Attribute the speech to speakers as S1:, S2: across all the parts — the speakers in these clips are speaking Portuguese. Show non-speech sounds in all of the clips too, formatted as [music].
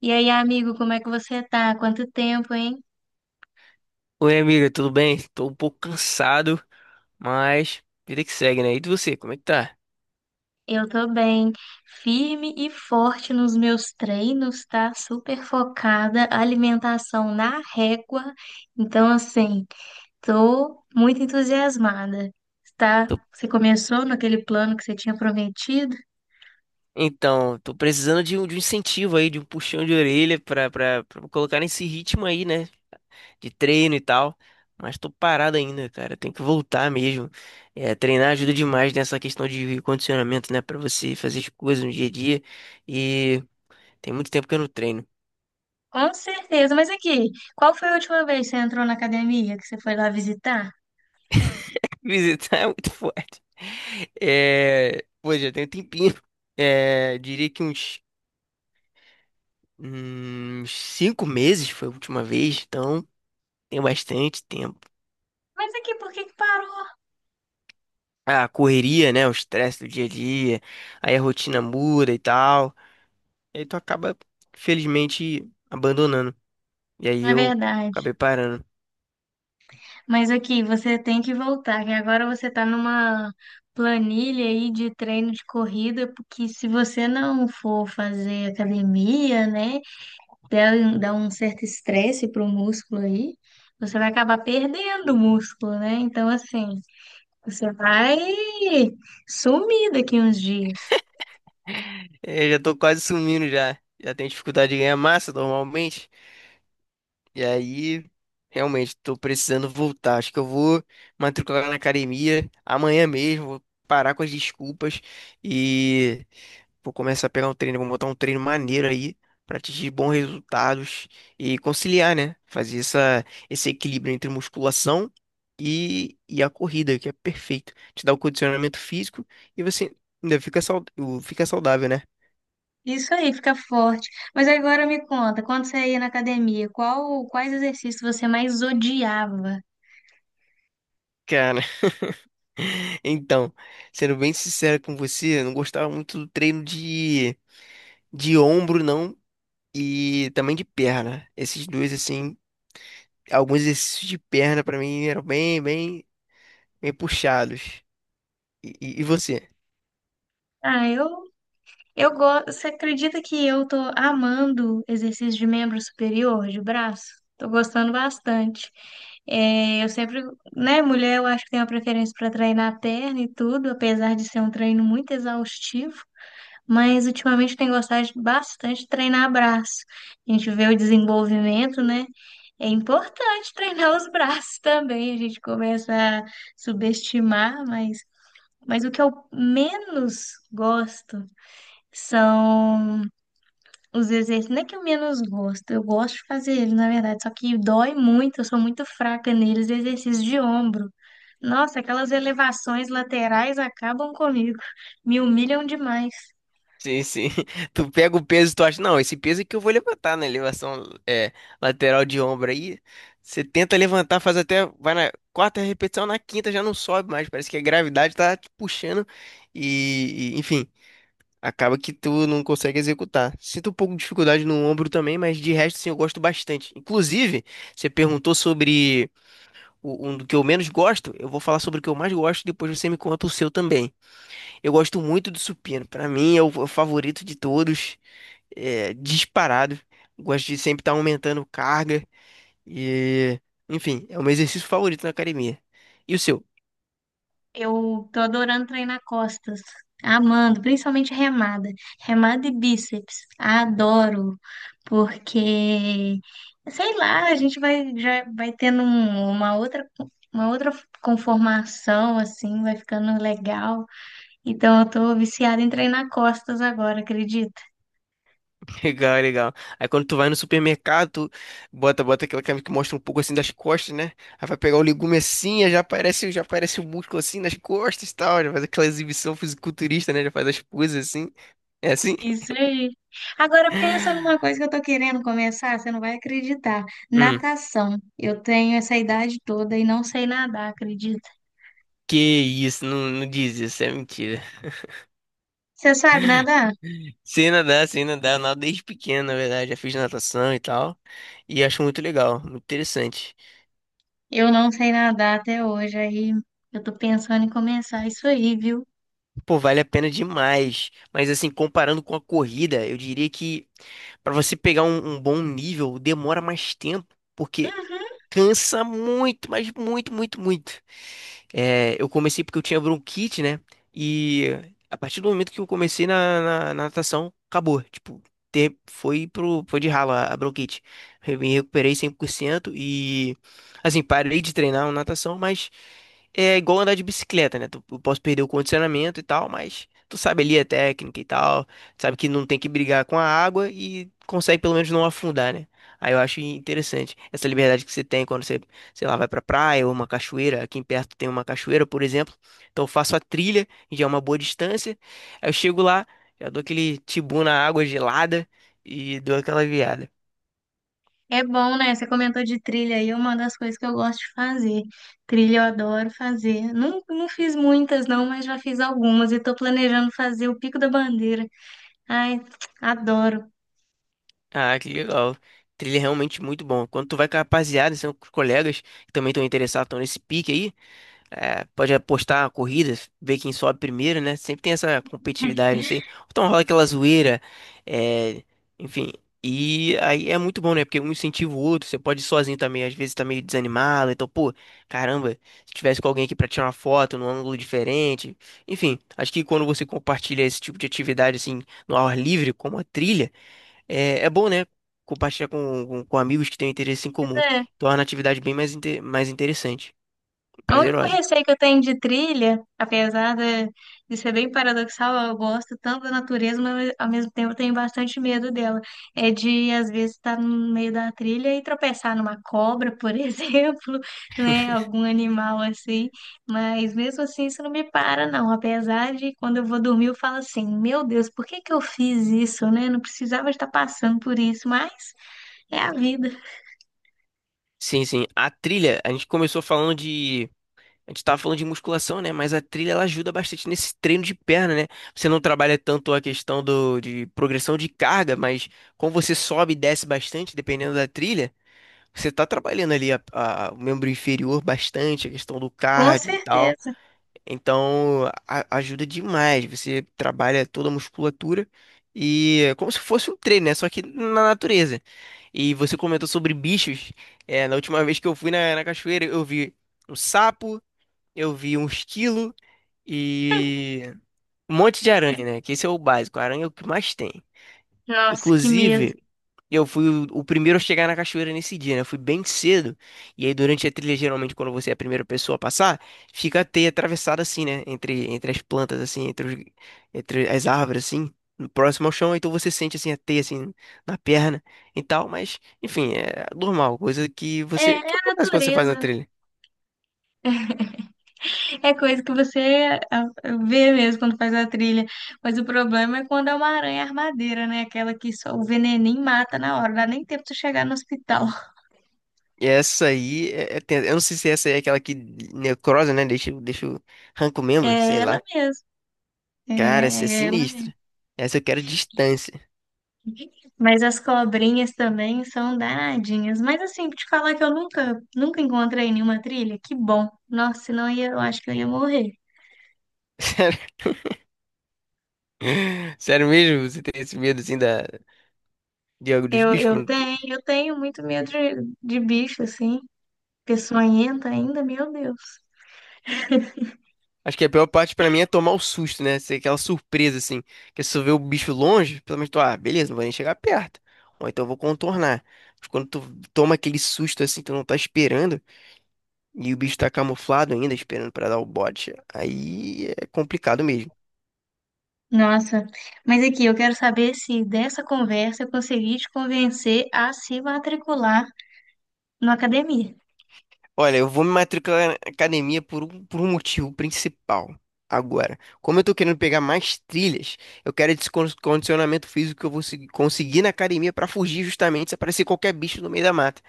S1: E aí, amigo, como é que você tá? Quanto tempo, hein?
S2: Oi, amiga, tudo bem? Tô um pouco cansado, mas vida que segue, né? E de você, como é que tá?
S1: Eu tô bem, firme e forte nos meus treinos, tá? Super focada, alimentação na régua. Então, assim, tô muito entusiasmada, tá?
S2: Tô.
S1: Você começou naquele plano que você tinha prometido?
S2: Então, tô precisando de um incentivo aí, de um puxão de orelha pra colocar nesse ritmo aí, né? De treino e tal. Mas tô parado ainda, cara. Tem que voltar mesmo. É, treinar ajuda demais nessa questão de condicionamento, né? Pra você fazer as coisas no dia a dia. E tem muito tempo que eu não treino.
S1: Com certeza, mas aqui, qual foi a última vez que você entrou na academia, que você foi lá visitar?
S2: [laughs] Visitar é muito forte. É, pô, já tem um tempinho. É, diria que uns cinco meses foi a última vez, então tem bastante tempo.
S1: Mas aqui, por que que parou?
S2: A correria, né? O estresse do dia a dia, aí a rotina muda e tal. E aí tu acaba, felizmente, abandonando. E aí
S1: É
S2: eu
S1: verdade.
S2: acabei parando.
S1: Mas aqui, você tem que voltar, que agora você tá numa planilha aí de treino de corrida, porque se você não for fazer academia, né, dá um certo estresse pro músculo aí, você vai acabar perdendo o músculo, né? Então, assim, você vai sumir daqui uns dias.
S2: É, eu já tô quase sumindo já. Já tenho dificuldade de ganhar massa normalmente. E aí, realmente, tô precisando voltar. Acho que eu vou matricular na academia amanhã mesmo. Vou parar com as desculpas e vou começar a pegar um treino, vou montar um treino maneiro aí pra atingir bons resultados e conciliar, né? Fazer esse equilíbrio entre musculação e a corrida, que é perfeito. Te dá o condicionamento físico e você ainda fica, fica saudável, né?
S1: Isso aí, fica forte. Mas agora me conta, quando você ia na academia, quais exercícios você mais odiava?
S2: Cara, [laughs] então, sendo bem sincero com você, eu não gostava muito do treino de ombro, não, e também de perna. Esses dois, assim, alguns exercícios de perna pra mim eram bem puxados. E você?
S1: Ah, eu gosto. Você acredita que eu tô amando exercício de membro superior, de braço? Tô gostando bastante. É, eu sempre, né, mulher, eu acho que tem uma preferência para treinar a perna e tudo, apesar de ser um treino muito exaustivo, mas ultimamente eu tenho bastante de treinar braço. A gente vê o desenvolvimento, né? É importante treinar os braços também. A gente começa a subestimar, mas o que eu menos gosto são os exercícios, não é que eu menos gosto, eu gosto de fazer eles, na verdade, só que dói muito, eu sou muito fraca neles, exercícios de ombro. Nossa, aquelas elevações laterais acabam comigo, [laughs] me humilham demais.
S2: Sim, sim. [laughs] Tu pega o peso e tu acha, não, esse peso aqui eu vou levantar na elevação lateral de ombro aí. Você tenta levantar, faz até, vai na quarta repetição, na quinta já não sobe mais. Parece que a gravidade tá te puxando enfim, acaba que tu não consegue executar. Sinto um pouco de dificuldade no ombro também, mas de resto, sim, eu gosto bastante. Inclusive, você perguntou sobre um do que eu menos gosto, eu vou falar sobre o que eu mais gosto, depois você me conta o seu também. Eu gosto muito do supino, pra mim é o favorito de todos, é, disparado. Gosto de sempre estar aumentando carga e, enfim, é o meu exercício favorito na academia. E o seu?
S1: Eu tô adorando treinar costas, amando, principalmente remada, remada e bíceps, adoro, porque, sei lá, a gente vai, já vai uma outra conformação, assim, vai ficando legal. Então, eu tô viciada em treinar costas agora, acredita?
S2: [laughs] Legal, legal. Aí quando tu vai no supermercado, tu bota aquela câmera que mostra um pouco assim das costas, né? Aí vai pegar o legume assim, aí já aparece o músculo assim nas costas e tal, já faz aquela exibição fisiculturista, né? Já faz as poses assim. É assim?
S1: Isso aí. Agora, pensa numa coisa que eu tô querendo começar, você não vai acreditar. Natação. Eu tenho essa idade toda e não sei nadar, acredita?
S2: Que isso, não diz isso, é mentira.
S1: Você sabe nadar?
S2: Sei nadar, eu nado desde pequeno, na verdade, já fiz natação e tal. E acho muito legal, muito interessante.
S1: Eu não sei nadar até hoje, aí eu tô pensando em começar isso aí, viu?
S2: Pô, vale a pena demais. Mas assim, comparando com a corrida, eu diria que pra você pegar um bom nível, demora mais tempo, porque
S1: Uhum.
S2: cansa muito, mas muito, muito, muito. É, eu comecei porque eu tinha bronquite, né? E a partir do momento que eu comecei na natação, acabou. Tipo, foi de ralo a bronquite. Eu me recuperei 100% e, assim, parei de treinar natação, mas é igual andar de bicicleta, né? Eu posso perder o condicionamento e tal, mas tu sabe ali a técnica e tal, tu sabe que não tem que brigar com a água e consegue pelo menos não afundar, né? Aí eu acho interessante essa liberdade que você tem quando você, sei lá, vai pra praia ou uma cachoeira. Aqui em perto tem uma cachoeira, por exemplo. Então eu faço a trilha, que já é uma boa distância. Aí eu chego lá, já dou aquele tibu na água gelada e dou aquela viada.
S1: É bom, né? Você comentou de trilha aí, é uma das coisas que eu gosto de fazer. Trilha eu adoro fazer. Não, não fiz muitas, não, mas já fiz algumas e tô planejando fazer o Pico da Bandeira. Ai, adoro.
S2: Ah, que legal. Trilha é realmente muito bom. Quando tu vai com a rapaziada, são com os colegas que também estão interessados, estão nesse pique aí. É, pode apostar corridas, ver quem sobe primeiro, né? Sempre tem essa competitividade, não sei. Então rola aquela zoeira, é, enfim. E aí é muito bom, né? Porque um incentiva o outro, você pode ir sozinho também, às vezes tá meio desanimado, então, pô, caramba, se tivesse com alguém aqui pra tirar uma foto num ângulo diferente. Enfim, acho que quando você compartilha esse tipo de atividade, assim, no ar livre, como a trilha, é, é bom, né? Compartilhar com amigos que têm interesse em comum.
S1: É,
S2: Torna a atividade bem mais, mais interessante,
S1: o único
S2: prazerosa.
S1: receio que eu tenho de trilha, apesar de ser bem paradoxal, eu gosto tanto da natureza, mas ao mesmo tempo eu tenho bastante medo dela. É de, às vezes, estar no meio da trilha e tropeçar numa cobra, por [laughs] exemplo, né? Algum animal assim. Mas mesmo assim, isso não me para, não. Apesar de quando eu vou dormir, eu falo assim: meu Deus, por que que eu fiz isso, né? Não precisava estar passando por isso, mas é a vida.
S2: Sim, sim. A trilha, a gente começou falando de. A gente tava falando de musculação, né? Mas a trilha ela ajuda bastante nesse treino de perna, né? Você não trabalha tanto a questão de progressão de carga, mas como você sobe e desce bastante, dependendo da trilha, você tá trabalhando ali o membro inferior bastante, a questão do
S1: Com
S2: cardio e tal.
S1: certeza.
S2: Então, ajuda demais. Você trabalha toda a musculatura e é como se fosse um treino, né? Só que na natureza. E você comentou sobre bichos. É, na última vez que eu fui na cachoeira, eu vi um sapo, eu vi um esquilo e um monte de aranha, né? Que esse é o básico. A aranha é o que mais tem.
S1: Nossa, que medo.
S2: Inclusive, e eu fui o primeiro a chegar na cachoeira nesse dia, né? Eu fui bem cedo. E aí, durante a trilha, geralmente, quando você é a primeira pessoa a passar, fica a teia atravessada assim, né? Entre as plantas, assim, entre as árvores, assim, próximo ao chão. Então você sente, assim, a teia, assim, na perna e tal. Mas, enfim, é normal, coisa que
S1: É,
S2: você,
S1: é
S2: que
S1: a
S2: acontece quando você faz uma
S1: natureza, né?
S2: trilha?
S1: É coisa que você vê mesmo quando faz a trilha. Mas o problema é quando é uma aranha armadeira, né? Aquela que só o veneninho mata na hora, dá nem tempo de chegar no hospital. [laughs]
S2: E essa aí, é tensa. Eu não sei se essa aí é aquela que necrosa, né? Arranca o
S1: É
S2: membro, sei lá.
S1: ela mesmo. É,
S2: Cara, essa é
S1: é ela mesmo.
S2: sinistra. Essa eu quero distância.
S1: Mas as cobrinhas também são danadinhas. Mas assim, te falar que eu nunca, nunca encontrei nenhuma trilha, que bom. Nossa, senão eu, ia, eu acho que eu ia morrer.
S2: [laughs] [laughs] Sério mesmo? Você tem esse medo assim da... de algo dos
S1: Eu,
S2: bichos?
S1: eu tenho, eu tenho muito medo de bicho, assim. Peçonhenta ainda, meu Deus.
S2: Acho que a pior parte pra mim é tomar o susto, né? Ser aquela surpresa assim. Que se tu vê o bicho longe, pelo menos tu, ah, beleza, não vou nem chegar perto. Ou então eu vou contornar. Mas quando tu toma aquele susto assim, tu não tá esperando, e o bicho tá camuflado ainda, esperando pra dar o bote, aí é complicado mesmo.
S1: Nossa, mas aqui eu quero saber se dessa conversa eu consegui te convencer a se matricular na academia.
S2: Olha, eu vou me matricular na academia por um motivo principal. Agora, como eu tô querendo pegar mais trilhas, eu quero esse condicionamento físico que eu vou conseguir na academia para fugir justamente se aparecer qualquer bicho no meio da mata.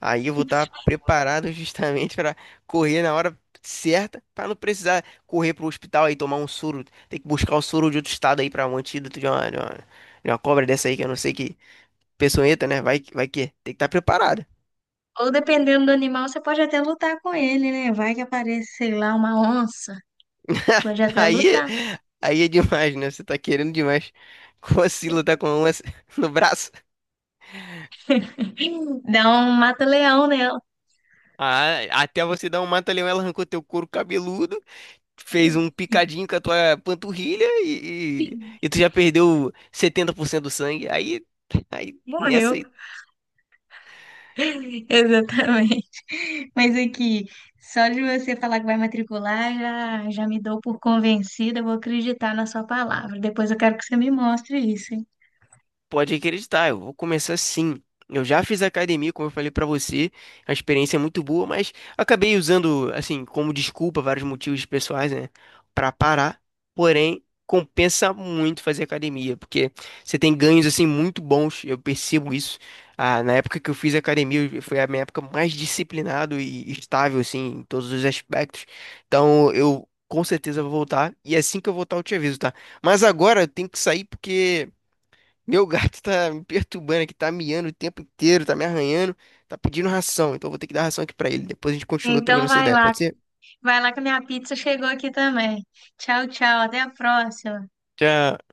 S2: Aí eu vou estar preparado justamente [laughs] para correr na hora certa, para não precisar correr pro hospital aí tomar um soro, ter que buscar o soro de outro estado aí para um antídoto de uma cobra dessa aí que eu não sei que peçonhenta, né? Vai, vai que tem que estar preparado.
S1: Ou dependendo do animal, você pode até lutar com ele, né? Vai que aparece, sei lá, uma onça. Pode
S2: [laughs]
S1: até
S2: Aí,
S1: lutar.
S2: aí é demais, né? Você tá querendo demais. [laughs] Como assim lutar com a lança [laughs] no braço?
S1: Dá um mata-leão nela.
S2: Ah, até você dar um mata-leão, ela arrancou teu couro cabeludo, fez um picadinho com a tua panturrilha e tu
S1: [laughs]
S2: já perdeu 70% do sangue. Aí, aí nessa.
S1: Morreu. [laughs] Exatamente. Mas aqui, só de você falar que vai matricular, já me dou por convencida, eu vou acreditar na sua palavra. Depois eu quero que você me mostre isso, hein?
S2: Pode acreditar, eu vou começar sim. Eu já fiz academia, como eu falei pra você, a experiência é muito boa, mas acabei usando, assim, como desculpa, vários motivos pessoais, né, pra parar. Porém, compensa muito fazer academia, porque você tem ganhos, assim, muito bons, eu percebo isso. Ah, na época que eu fiz academia, foi a minha época mais disciplinado e estável, assim, em todos os aspectos. Então, eu com certeza vou voltar, e assim que eu voltar, eu te aviso, tá? Mas agora eu tenho que sair porque. Meu gato tá me perturbando aqui, tá miando o tempo inteiro, tá me arranhando, tá pedindo ração. Então eu vou ter que dar ração aqui pra ele. Depois a gente continua trocando
S1: Então
S2: essa ideia, pode ser?
S1: vai lá que a minha pizza chegou aqui também. Tchau, tchau, até a próxima.
S2: Tchau.